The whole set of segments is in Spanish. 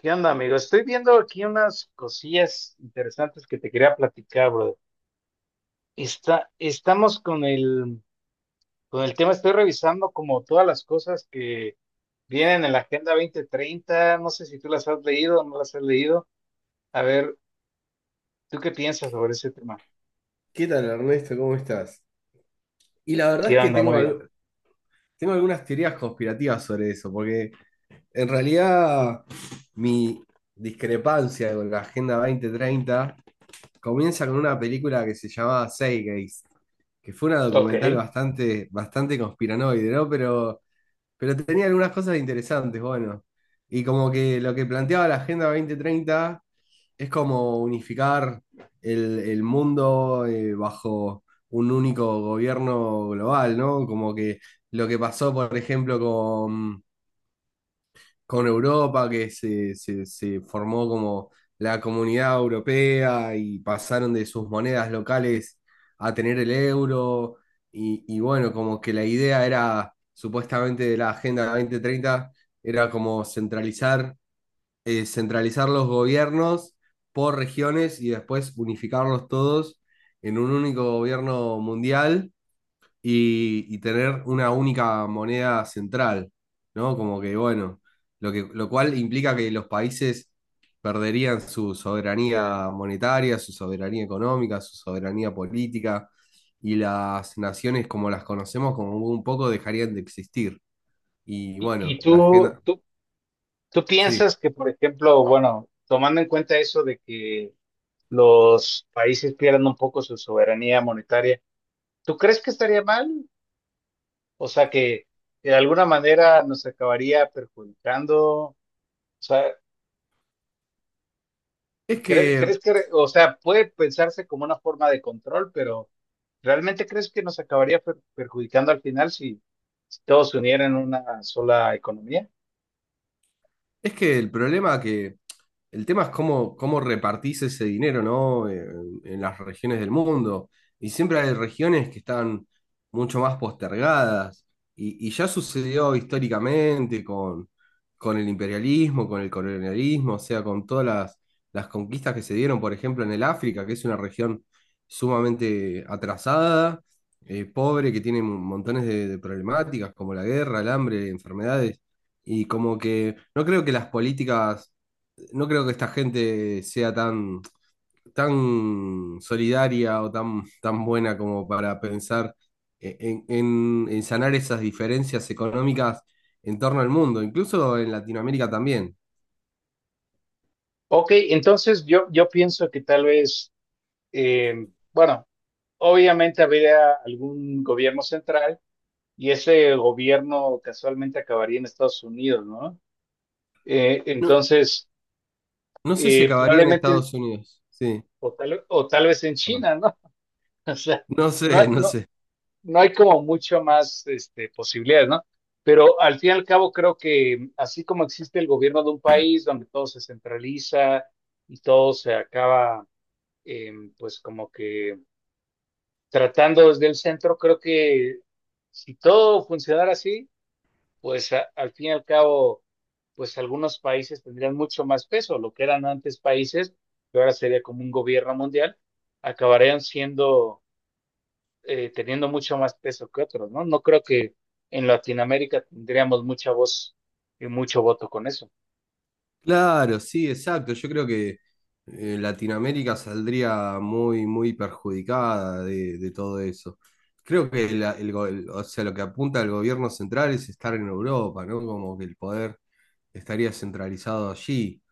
¿Qué onda, amigo? Estoy viendo aquí unas cosillas interesantes que te quería platicar, brother. Estamos con el tema, estoy revisando como todas las cosas que vienen en la Agenda 2030. No sé si tú las has leído o no las has leído. A ver, ¿tú qué piensas sobre ese tema? ¿Qué tal, Ernesto? ¿Cómo estás? Y la verdad es ¿Qué que onda? tengo, Muy bien. Tengo algunas teorías conspirativas sobre eso, porque en realidad mi discrepancia con la Agenda dos mil treinta comienza con una película que se llamaba Zeitgeist, que fue una Ok. documental bastante, bastante conspiranoide, ¿no? Pero tenía algunas cosas interesantes, bueno. Y como que lo que planteaba la Agenda dos mil treinta es como unificar el mundo, bajo un único gobierno global, ¿no? Como que lo que pasó, por ejemplo, con Europa, que se formó como la comunidad europea y pasaron de sus monedas locales a tener el euro. Y bueno, como que la idea era, supuestamente, de la Agenda 2030, era como centralizar, centralizar los gobiernos por regiones y después unificarlos todos en un único gobierno mundial y tener una única moneda central, ¿no? Como que, bueno, lo que, lo cual implica que los países perderían su soberanía monetaria, su soberanía económica, su soberanía política, y las naciones como las conocemos como un poco dejarían de existir. Y ¿Y, y bueno, la tú, agenda... tú, tú Sí. piensas que, por ejemplo, bueno, tomando en cuenta eso de que los países pierdan un poco su soberanía monetaria, ¿tú crees que estaría mal? O sea que, de alguna manera nos acabaría perjudicando. O sea, Es que o sea, puede pensarse como una forma de control, pero ¿realmente crees que nos acabaría perjudicando al final si, si todos se unieran en una sola economía? Es que el problema que el tema es cómo, cómo repartís ese dinero, ¿no? En las regiones del mundo. Y siempre hay regiones que están mucho más postergadas. Y ya sucedió históricamente con el imperialismo, con el colonialismo, o sea, con todas las conquistas que se dieron, por ejemplo, en el África, que es una región sumamente atrasada, pobre, que tiene montones de problemáticas como la guerra, el hambre, enfermedades. Y como que no creo que las políticas no creo que esta gente sea tan, tan solidaria o tan, tan buena como para pensar, en, en sanar esas diferencias económicas en torno al mundo, incluso en Latinoamérica también. Ok, entonces yo pienso que tal vez, eh, bueno, obviamente habría algún gobierno central y ese gobierno casualmente acabaría en Estados Unidos, ¿no? No, Entonces, no sé si acabaría en probablemente Estados Unidos. Sí, o tal vez en perdón. China, ¿no? O sea, No no, sé, no no, sé. no hay como mucho más este, posibilidades, ¿no? Pero al fin y al cabo creo que así como existe el gobierno de un país donde todo se centraliza y todo se acaba, eh, pues como que tratando desde el centro, creo que si todo funcionara así, pues al fin y al cabo, pues algunos países tendrían mucho más peso, lo que eran antes países, que ahora sería como un gobierno mundial, acabarían siendo teniendo mucho más peso que otros, ¿no? No creo que en Latinoamérica tendríamos mucha voz y mucho voto con eso. Claro, sí, exacto. Yo creo que, Latinoamérica saldría muy, muy perjudicada de todo eso. Creo que o sea, lo que apunta el gobierno central es estar en Europa, ¿no? Como que el poder estaría centralizado allí,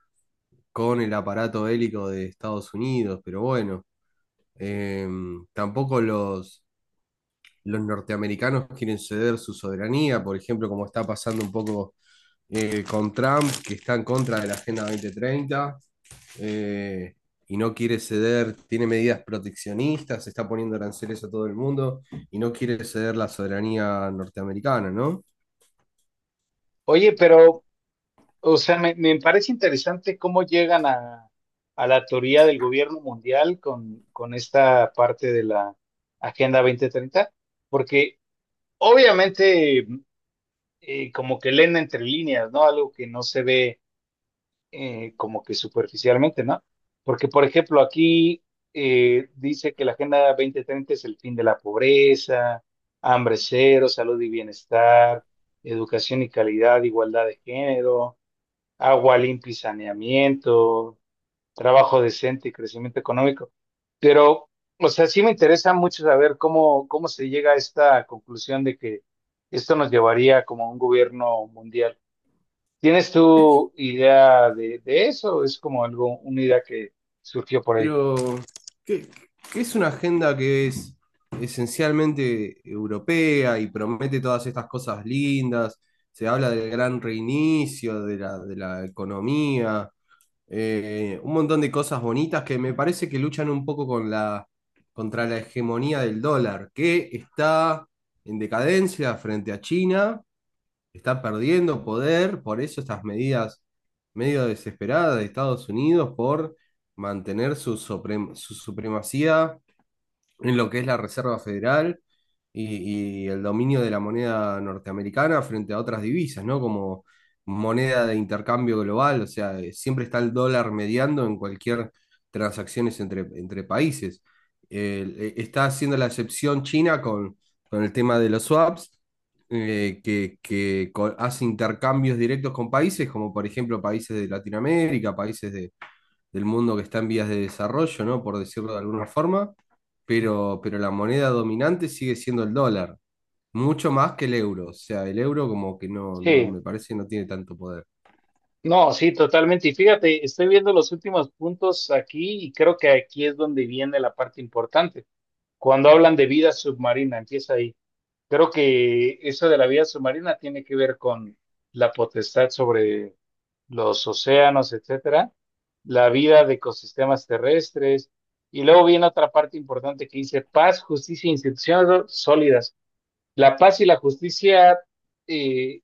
con el aparato bélico de Estados Unidos, pero bueno, eh, tampoco los norteamericanos quieren ceder su soberanía, por ejemplo, como está pasando un poco, con Trump, que está en contra de la Agenda 2030, eh, y no quiere ceder, tiene medidas proteccionistas, está poniendo aranceles a todo el mundo y no quiere ceder la soberanía norteamericana, ¿no? Oye, pero, o sea, me parece interesante cómo llegan a, la teoría del gobierno mundial con, esta parte de la Agenda 2030, porque obviamente como que leen entre líneas, ¿no? Algo que no se ve como que superficialmente, ¿no? Porque, por ejemplo, aquí dice que la Agenda 2030 es el fin de la pobreza, hambre cero, salud y bienestar, educación y calidad, igualdad de género, agua limpia y saneamiento, trabajo decente y crecimiento económico. Pero, o sea, sí me interesa mucho saber cómo, cómo se llega a esta conclusión de que esto nos llevaría como a un gobierno mundial. ¿Tienes tu idea de, eso? Es como algo, una idea que surgió por ahí. Pero ¿qué, qué es una agenda que es esencialmente europea y promete todas estas cosas lindas? Se habla del gran reinicio, de la economía, un montón de cosas bonitas que me parece que luchan un poco con la, contra la hegemonía del dólar, que está en decadencia frente a China, está perdiendo poder, por eso estas medidas medio desesperadas de Estados Unidos por mantener su, su supremacía en lo que es la Reserva Federal y el dominio de la moneda norteamericana frente a otras divisas, ¿no? Como moneda de intercambio global, o sea, siempre está el dólar mediando en cualquier transacciones entre, entre países. Está haciendo la excepción China con el tema de los swaps, que, hace intercambios directos con países, como por ejemplo países de Latinoamérica, países de, del mundo que está en vías de desarrollo, ¿no? Por decirlo de alguna forma, pero la moneda dominante sigue siendo el dólar, mucho más que el euro. O sea, el euro como que no, Sí, me parece no tiene tanto poder. no, sí, totalmente. Y fíjate, estoy viendo los últimos puntos aquí y creo que aquí es donde viene la parte importante. Cuando hablan de vida submarina, empieza ahí. Creo que eso de la vida submarina tiene que ver con la potestad sobre los océanos, etcétera, la vida de ecosistemas terrestres. Y luego viene otra parte importante que dice paz, justicia e instituciones sólidas. La paz y la justicia, eh,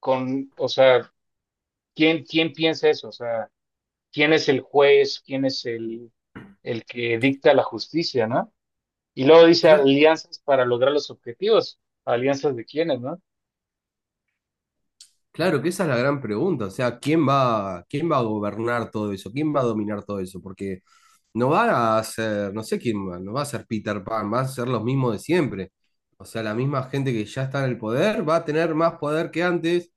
o sea, ¿quién piensa eso? O sea, ¿quién es el juez? ¿Quién es el que dicta la justicia, ¿no? Y luego dice Cla- alianzas para lograr los objetivos. ¿Alianzas de quiénes, no? claro que esa es la gran pregunta. O sea, quién va a gobernar todo eso? ¿Quién va a dominar todo eso? Porque no va a ser, no sé quién va, no va a ser Peter Pan, va a ser los mismos de siempre. O sea, la misma gente que ya está en el poder va a tener más poder que antes.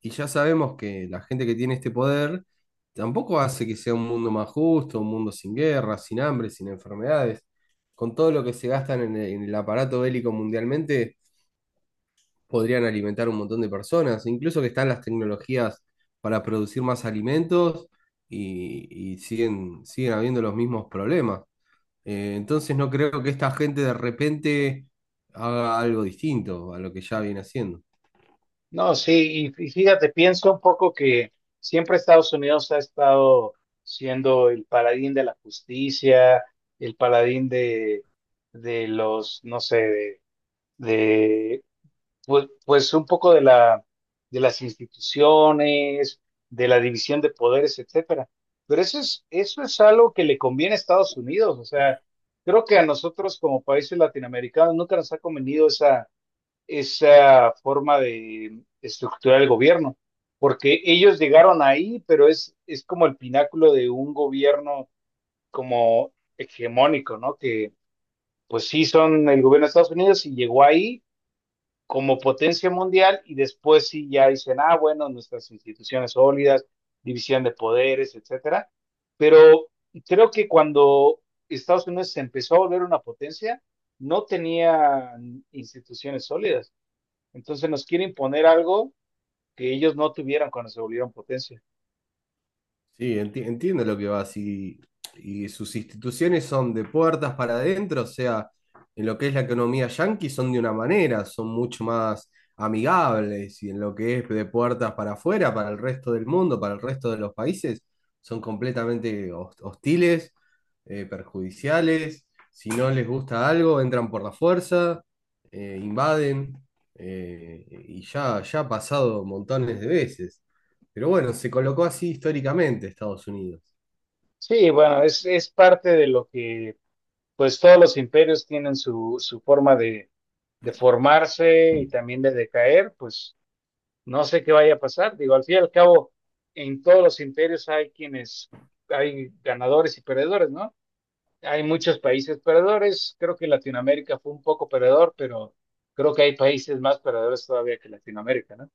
Y ya sabemos que la gente que tiene este poder tampoco hace que sea un mundo más justo, un mundo sin guerras, sin hambre, sin enfermedades. Con todo lo que se gastan en el aparato bélico mundialmente, podrían alimentar un montón de personas, incluso que están las tecnologías para producir más alimentos y siguen, siguen habiendo los mismos problemas. Entonces no creo que esta gente de repente haga algo distinto a lo que ya viene haciendo. No, sí, y fíjate, pienso un poco que siempre Estados Unidos ha estado siendo el paladín de la justicia, el paladín de, los, no sé, de, pues un poco de la, de las instituciones, de la división de poderes, etcétera. Pero eso es algo que le conviene a Estados Unidos. O sea, creo que a nosotros como países latinoamericanos nunca nos ha convenido esa forma de estructurar el gobierno, porque ellos llegaron ahí, pero es como el pináculo de un gobierno como hegemónico, ¿no? Que pues sí son el gobierno de Estados Unidos y llegó ahí como potencia mundial y después sí ya dicen, ah, bueno, nuestras instituciones sólidas, división de poderes, etcétera. Pero creo que cuando Estados Unidos se empezó a volver una potencia, no tenía instituciones sólidas. Entonces nos quieren imponer algo que ellos no tuvieron cuando se volvieron potencia. Sí, entiendo lo que vas, y sus instituciones son de puertas para adentro, o sea, en lo que es la economía yanqui son de una manera, son mucho más amigables, y en lo que es de puertas para afuera, para el resto del mundo, para el resto de los países, son completamente hostiles, perjudiciales, si no les gusta algo, entran por la fuerza, invaden, eh, ya ha pasado montones de veces. Pero bueno, se colocó así históricamente Estados Unidos. Sí, bueno, es parte de lo que, pues todos los imperios tienen su forma de, formarse y también de decaer, pues no sé qué vaya a pasar. Digo, al fin y al cabo, en todos los imperios hay ganadores y perdedores, ¿no? Hay muchos países perdedores. Creo que Latinoamérica fue un poco perdedor, pero creo que hay países más perdedores todavía que Latinoamérica, ¿no?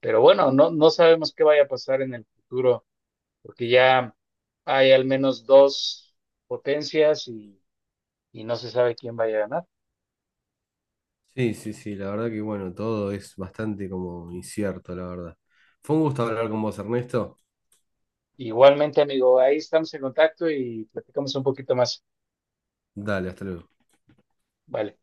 Pero bueno, no sabemos qué vaya a pasar en el futuro, porque ya hay al menos dos potencias y no se sabe quién vaya a ganar. Sí, sí, sí, la verdad que bueno, todo es bastante como incierto, la verdad. Fue un gusto hablar con vos, Ernesto. Igualmente, amigo, ahí estamos en contacto y platicamos un poquito más. Dale, hasta luego. Vale.